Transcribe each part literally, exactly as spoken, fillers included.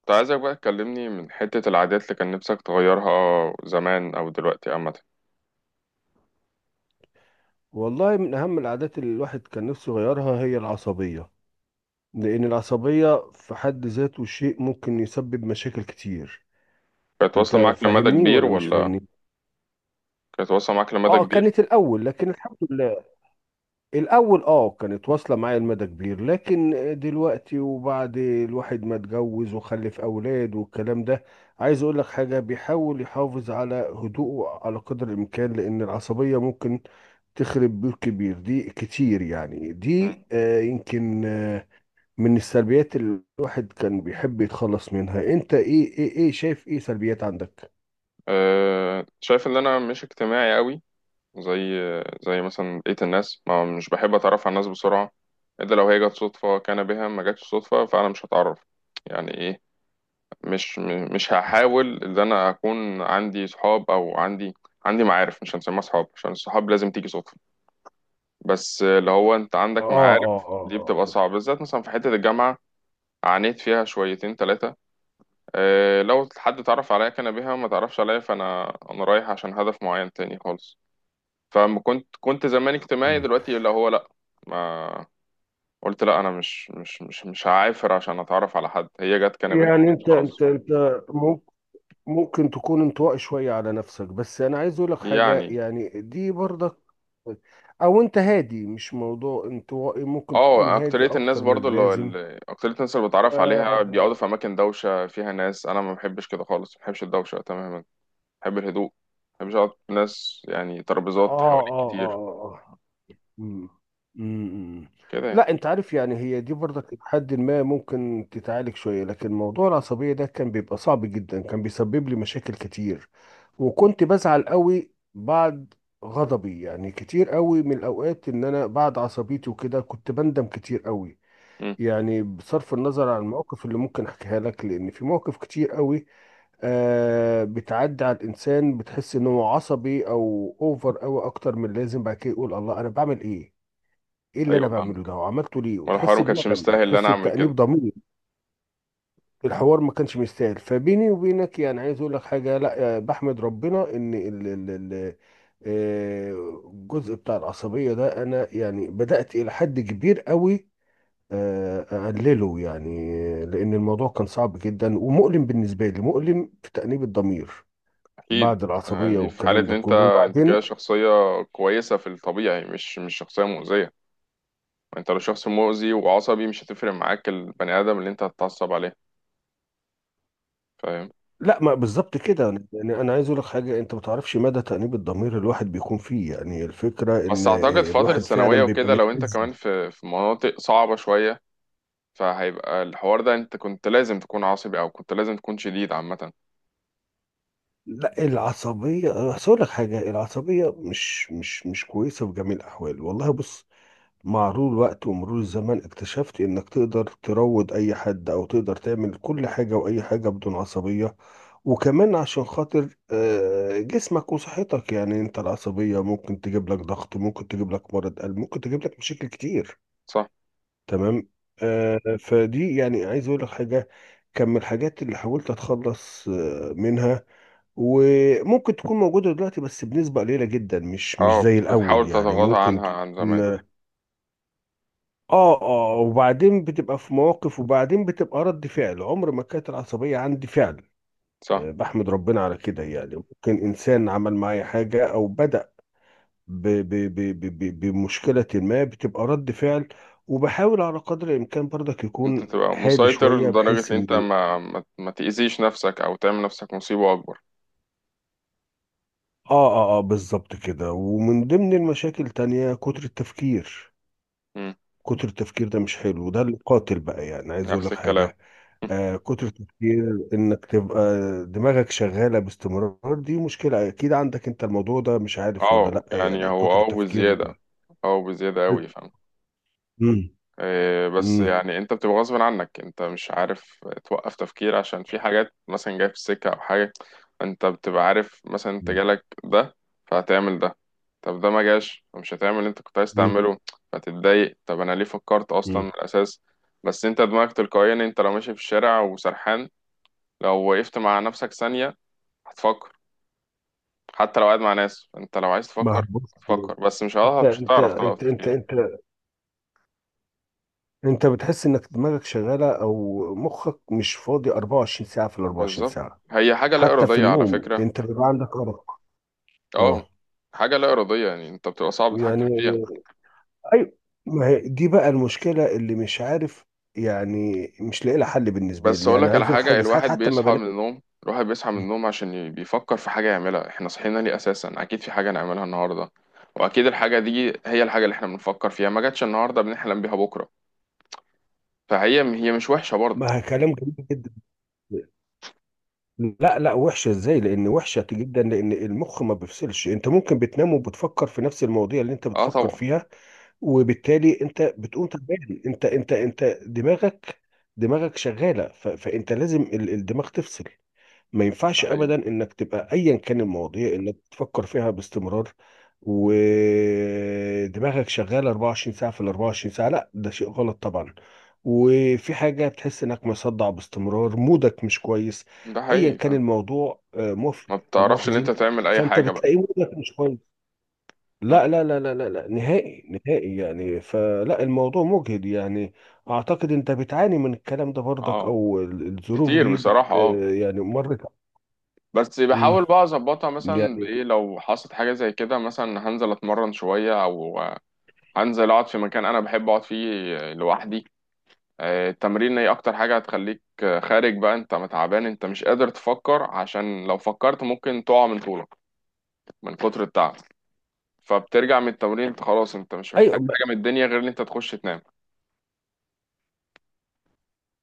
كنت عايزك بقى تكلمني من حتة العادات اللي كان نفسك تغيرها زمان أو دلوقتي عامة. والله من أهم العادات اللي الواحد كان نفسه يغيرها هي العصبية. لأن العصبية في حد ذاته شيء ممكن يسبب مشاكل كتير. كانت أنت واصلة معاك لمدى فاهمني كبير ولا مش ولا؟ فاهمني؟ كانت واصلة معاك لمدى آه، كبير؟ كانت الأول لكن الحمد لله. الأول اه كانت واصلة معايا لمدى كبير، لكن دلوقتي وبعد الواحد ما اتجوز وخلف أولاد والكلام ده، عايز أقول لك حاجة، بيحاول يحافظ على هدوءه على قدر الإمكان، لأن العصبية ممكن تخرب بيوت كبير دي كتير، يعني دي مم. آه، يمكن آه، من السلبيات اللي الواحد كان بيحب يتخلص منها. أنت إيه إيه إيه شايف إيه سلبيات عندك؟ أه، شايف إن أنا مش اجتماعي قوي زي زي مثلا بقية الناس، ما مش بحب أتعرف على الناس بسرعة إلا لو هي جت صدفة، كان بها، ما جاتش صدفة فأنا مش هتعرف يعني إيه. مش م- مش هحاول إن أنا أكون عندي صحاب أو عندي عندي معارف، مش هنسميها صحاب عشان الصحاب لازم تيجي صدفة، بس اللي هو انت اه، عندك معارف. اه، اه. دي بتبقى آه. صعبة بالذات مثلا في حتة الجامعة، عانيت فيها شويتين ثلاثة. اه، لو حد تعرف عليا كان بيها، ما تعرفش عليا فانا انا رايح عشان هدف معين تاني خالص. فما كنت كنت زمان اجتماعي، مم. دلوقتي اللي هو لا. ما قلت لا، انا مش مش مش مش هعافر عشان اتعرف على حد، هي جت كان بيها. يعني انت خلاص، انت انت ممكن تكون انطوائي شوية على نفسك، بس أنا عايز أقولك حاجة، يعني. يعني دي برضك، أو أنت هادي، مش موضوع انطوائي، ممكن تكون اه، هادي اكترية الناس أكتر من برضو اللي اللازم. اللي- اكترية الناس اللي بتعرف عليها بيقعدوا آه، في اماكن دوشة فيها ناس، انا ما بحبش كده خالص، ما بحبش الدوشة تماما. بحب الهدوء، ما بحبش اقعد ناس يعني ترابيزات آه، حواليك آه، كتير. آه، آه. مم. مم. كده يعني. لا، انت عارف يعني هي دي برضك لحد ما ممكن تتعالج شويه، لكن موضوع العصبيه ده كان بيبقى صعب جدا، كان بيسبب لي مشاكل كتير. وكنت بزعل قوي بعد غضبي، يعني كتير قوي من الاوقات، ان انا بعد عصبيتي وكده كنت بندم كتير قوي. مم. يعني بصرف النظر عن المواقف اللي ممكن احكيها لك، لان في مواقف كتير قوي آه بتعدي على الانسان، بتحس انه عصبي او اوفر قوي اكتر من اللازم، بعد كده يقول الله انا بعمل ايه، ايه اللي انا ايوه بعمله فاهمك، ده وعملته ليه، وانا الحوار وتحس ما كانش بندم مستاهل ان انا وتحس اعمل كده. بتأنيب ضمير. الحوار ما كانش مستاهل، فبيني وبينك يعني عايز اقول لك حاجه، لا آه، بحمد ربنا ان ال- ال- ال- آه، الجزء بتاع العصبيه ده انا يعني بدأت الى حد كبير قوي آه، اقلله، يعني آه، لان الموضوع كان صعب جدا ومؤلم بالنسبه لي، مؤلم في تأنيب الضمير اكيد. بعد آه، العصبيه دي في حالة والكلام ان ده انت كله. انت كده وبعدين شخصية كويسة في الطبيعي، مش مش شخصية مؤذية. ما انت لو شخص مؤذي وعصبي مش هتفرق معاك البني ادم اللي انت هتتعصب عليه، فاهم. لا، ما بالظبط كده، يعني انا عايز اقول لك حاجه، انت ما تعرفش مدى تأنيب الضمير الواحد بيكون فيه، يعني الفكره ان بس اعتقد فترة الواحد الثانوية فعلا بيبقى وكده لو انت متأذي. كمان في في مناطق صعبة شوية فهيبقى الحوار ده، انت كنت لازم تكون عصبي او كنت لازم تكون شديد عامة. لا العصبيه، بس اقول لك حاجه، العصبيه مش مش مش كويسه في جميع الاحوال. والله بص، مع مرور الوقت ومرور الزمن اكتشفت انك تقدر تروض اي حد او تقدر تعمل كل حاجه واي حاجه بدون عصبيه. وكمان عشان خاطر آه، جسمك وصحتك، يعني انت العصبيه ممكن تجيب لك ضغط، ممكن تجيب لك مرض قلب، ممكن تجيب لك مشاكل كتير. صح. تمام. آه، فدي يعني عايز اقول لك حاجه، كان من الحاجات اللي حاولت اتخلص آه، منها. وممكن تكون موجوده دلوقتي بس بنسبه قليله جدا، مش مش اه زي الاول، بتحاول يعني تتغاضى ممكن عنها عن زمان. تكون. اه اه وبعدين بتبقى في مواقف، وبعدين بتبقى رد فعل، عمر ما كانت العصبيه عندي فعل. صح، آه، بحمد ربنا على كده، يعني ممكن انسان عمل معايا حاجه او بدأ ب- ب- ب- ب- ب- بمشكلة ما، بتبقى رد فعل. وبحاول على قدر الإمكان برضك انت يكون تبقى هادي مسيطر شوية لدرجة بحيث ان انت إن... ما ما, ما تأذيش نفسك او تعمل نفسك مصيبة اكبر. آه، آه، آه، بالظبط كده. ومن ضمن المشاكل تانية كتر التفكير. مم. كتر التفكير ده مش حلو، وده اللي قاتل بقى، يعني عايز أقول نفس لك الكلام. حاجة. آه، كتر التفكير إنك تبقى دماغك شغالة باستمرار، دي مشكلة أكيد عندك أنت، الموضوع ده مش عارف ولا اه، لأ، يعني يعني هو كتر اه التفكير بزيادة. ده. اه بزيادة اوي، فاهم. مم. إيه، بس مم. يعني انت بتبقى غصب عنك، انت مش عارف توقف تفكير عشان في حاجات مثلا جاية في السكة او حاجة، انت بتبقى عارف مثلا انت مم. جالك ده فهتعمل ده. طب ده ما جاش فمش هتعمل اللي انت كنت عايز مم. تعمله فتتضايق. طب انا ليه فكرت اصلا مم. من الاساس؟ بس انت دماغك تلقائيا، انت لو ماشي في الشارع وسرحان لو وقفت مع نفسك ثانية هتفكر. حتى لو قاعد مع ناس انت لو عايز ما هو تفكر بص، هتفكر، بس مش انت هتعرف مش انت هتعرف توقف انت انت تفكير. انت انت بتحس انك دماغك شغاله او مخك مش فاضي أربعة وعشرين ساعه في ال أربع وعشرين بالظبط، ساعه. هي حاجة لا حتى في إرادية على النوم فكرة. انت بيبقى عندك ارق. اه. اه. حاجة لا إرادية، يعني أنت بتبقى صعب يعني، تتحكم فيها. ايوه. ما هي دي بقى المشكله اللي مش عارف، يعني مش لاقي لها حل بالنسبه بس لي. يعني أقولك عايز على اقول لك حاجة، حاجه، ساعات الواحد حتى ما بيصحى من بنام. النوم، الواحد بيصحى من النوم عشان ي- بيفكر في حاجة يعملها. احنا صحينا ليه أساسا؟ أكيد في حاجة نعملها النهاردة، وأكيد الحاجة دي هي الحاجة اللي احنا بنفكر فيها. ما جاتش النهاردة بنحلم بيها بكرة، فهي هي مش وحشة برضه. ما هي كلام جميل جدا. لا، لا، وحشه ازاي، لان وحشه جدا، لان المخ ما بيفصلش. انت ممكن بتنام وبتفكر في نفس المواضيع اللي انت اه بتفكر طبعا. فيها، وبالتالي انت بتقوم تعبان. انت انت انت دماغك، دماغك شغاله ف... فانت لازم ال- الدماغ تفصل. ما ده ينفعش حقيقي. ابدا انك تبقى ايا كان المواضيع انك تفكر فيها باستمرار، ودماغك شغاله أربعة وعشرين ساعه في ال أربعة وعشرين ساعه. لا، ده شيء غلط طبعا. وفي حاجه بتحس انك مصدع باستمرار، مودك مش كويس، ده ايا حقيقي، كان فاهم. الموضوع آه، مفرح ما او بتعرفش إن أنت محزن، تعمل أي فانت حاجة بقى. بتلاقي مودك مش كويس. لا، صح. لا، لا، لا، لا، لا، نهائي. نهائي يعني. فلا، الموضوع مجهد يعني. اعتقد انت بتعاني من الكلام ده برضك، اه. او ال- الظروف كتير دي بت بصراحة، اه. آه، يعني مرت. بس امم بحاول بقى اظبطها مثلا يعني، بايه، لو حصلت حاجه زي كده مثلا هنزل اتمرن شويه، او هنزل اقعد في مكان انا بحب اقعد فيه لوحدي. آه، التمرين هي اكتر حاجة هتخليك خارج بقى، انت متعبان، انت مش قادر تفكر عشان لو فكرت ممكن تقع من طولك من كتر التعب. فبترجع من التمرين انت خلاص، انت مش محتاج ايوه. ما حاجة من الدنيا غير ان انت تخش تنام.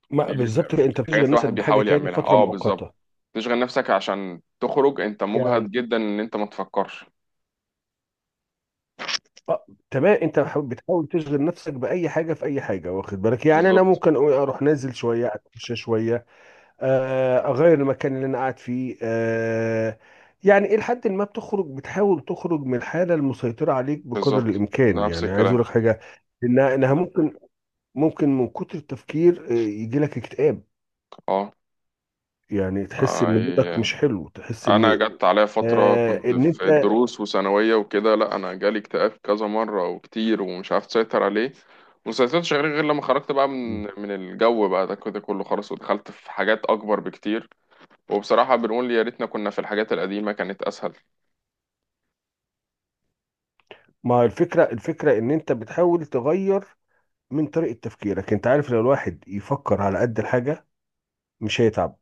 ما- دي من بالظبط كده، انت الحاجات اللي بتشغل نفسك الواحد بحاجه بيحاول تاني يعملها، فتره اه مؤقته بالظبط. تشغل نفسك عشان تخرج، انت يعني. مجهد جدا ان انت ما تفكرش. اه، تمام، انت بح- بتحاول تشغل نفسك باي حاجه في اي حاجه، واخد بالك يعني. انا بالظبط. ممكن أقول اروح نازل شويه، اتمشى شويه، آه، اغير المكان اللي انا قاعد فيه، آه، يعني الى حد ما بتخرج، بتحاول تخرج من الحاله المسيطره عليك بقدر بالظبط، الامكان. ده نفس يعني عايز اقول الكلام. لك حاجه، انها انها ممكن ممكن من كتر التفكير آه، يجي لك اكتئاب. اه يعني تحس ان اي، مودك مش حلو، تحس انا ان جت عليا فتره آه، آه، كنت ان في انت... الدروس وثانويه وكده، لا انا جالي اكتئاب كذا مره وكتير ومش عارف اسيطر عليه. ما سيطرتش عليه غير لما خرجت بقى من من الجو بقى ده كده كله، خلاص ودخلت في حاجات اكبر بكتير. وبصراحه بنقول يا ريتنا كنا في الحاجات القديمه كانت اسهل. ما هو الفكره، الفكره ان انت بتحاول تغير من طريقه تفكيرك. انت عارف لو الواحد يفكر على قد الحاجه، مش هيتعب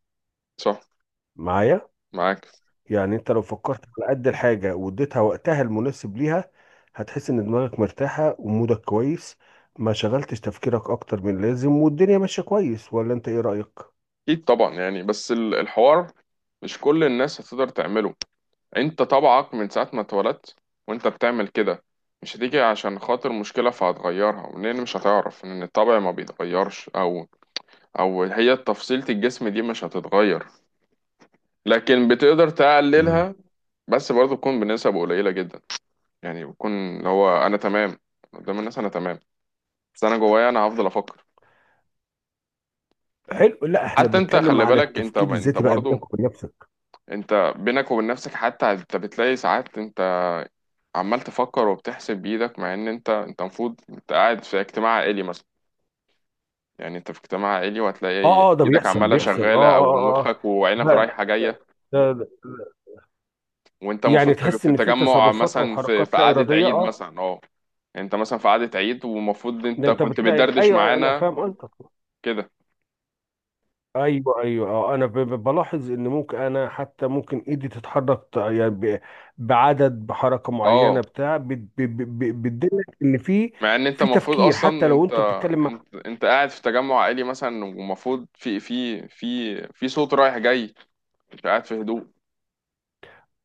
صح. معايا. معاك. يعني انت لو فكرت على قد الحاجة واديتها وقتها المناسب ليها، هتحس ان دماغك مرتاحة ومودك كويس، ما شغلتش تفكيرك اكتر من اللازم، والدنيا ماشية كويس. ولا انت ايه رأيك؟ اكيد طبعا، يعني بس ال- الحوار مش كل الناس هتقدر تعمله. انت طبعك من ساعة ما اتولدت وانت بتعمل كده، مش هتيجي عشان خاطر مشكلة فهتغيرها لان مش هتعرف ان الطبع ما بيتغيرش. او او هي تفصيلة الجسم دي مش هتتغير، لكن بتقدر امم. تقللها. بس برضه تكون بنسب قليلة جدا، يعني بتكون اللي هو انا تمام قدام الناس انا تمام، بس انا جوايا انا هفضل افكر. حلو. لا، احنا حتى انت بنتكلم خلي على بالك، انت التفكير انت الذاتي بقى برضه، بينك وبين نفسك. انت بينك وبين نفسك حتى انت بتلاقي ساعات انت عمال تفكر وبتحسب بايدك مع ان انت انت المفروض انت قاعد في اجتماع عائلي مثلا. يعني انت في اجتماع عائلي وهتلاقي اه، اه، ده ايدك بيحصل، عماله بيحصل، اه، شغاله او اه، اه، اه، مخك وعينك بقى، رايحه جايه ده ده- وانت يعني المفروض تحس في ان في تجمع تصرفات او مثلا في حركات في لا قعده ارادية، عيد اه. مثلا اه، انت مثلا في قعده عيد ومفروض ده انت انت كنت بتلاقي، بتدردش ايوه انا معانا فاهم انت. كده ايوه، ايوه، اه، انا ب- ب- بلاحظ ان ممكن، انا حتى ممكن ايدي تتحرك ت- يعني ب- بعدد بحركه اه، معينه بتاع بت- ب- ب- ب- بتدلك ان في، مع ان انت في المفروض تفكير حتى اصلا لو انت انت بتتكلم مع. انت انت قاعد في تجمع عائلي مثلا ومفروض في في في في صوت رايح جاي، انت قاعد في هدوء.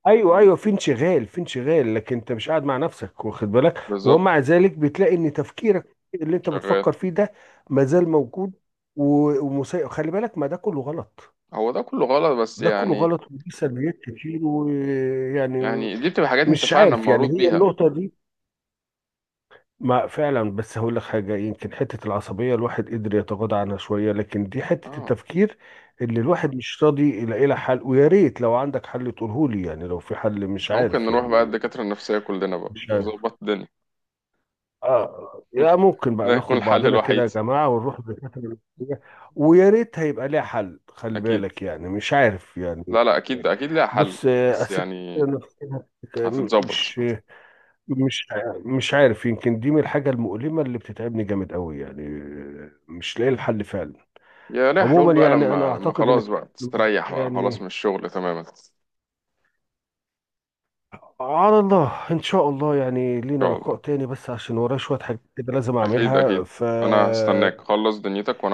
ايوه، ايوه، في انشغال، في انشغال، لكن انت مش قاعد مع نفسك واخد بالك، بالظبط. ومع ذلك بتلاقي ان تفكيرك اللي انت شغال. بتفكر فيه ده مازال موجود. و- ومسيء خلي بالك، ما ده كله غلط. هو ده كله غلط بس ده كله يعني، غلط وليه سلبيات كتير، ويعني يعني دي بتبقى حاجات انت مش فعلا عارف يعني، مولود هي بيها. النقطة دي. ما فعلا، بس هقول لك حاجة، يمكن حتة العصبية الواحد قدر يتغاضى عنها شوية، لكن دي حتة اه، التفكير اللي الواحد مش راضي يلاقي لها حل. ويا ريت لو عندك حل تقوله لي، يعني لو في حل. مش ممكن عارف نروح بقى يعني، الدكاترة النفسية كلنا بقى مش عارف. نظبط الدنيا. اه، يا ممكن ده بقى يكون ناخد الحل بعضنا كده يا الوحيد. جماعة، ونروح للدكاترة النفسية. ويا ريت هيبقى ليها حل، خلي اكيد. بالك، يعني مش عارف يعني. لا لا اكيد اكيد ليها حل، بص آه، بس أسئلة يعني النفسية. مش هتتظبط. مش ع- مش عارف، يمكن دي من الحاجة المؤلمة اللي بتتعبني جامد قوي، يعني مش لاقي الحل فعلا. يا ليها عموما حلول بقى يعني انا لما لما اعتقد ان خلاص بقى الموضوع تستريح ده بقى خلاص يعني، من الشغل تماما. ان على الله ان شاء الله يعني لينا شاء لقاء الله، تاني، بس عشان ورايا شوية حاجات كده لازم اكيد اعملها، اكيد. ف انا هستناك خلص دنيتك.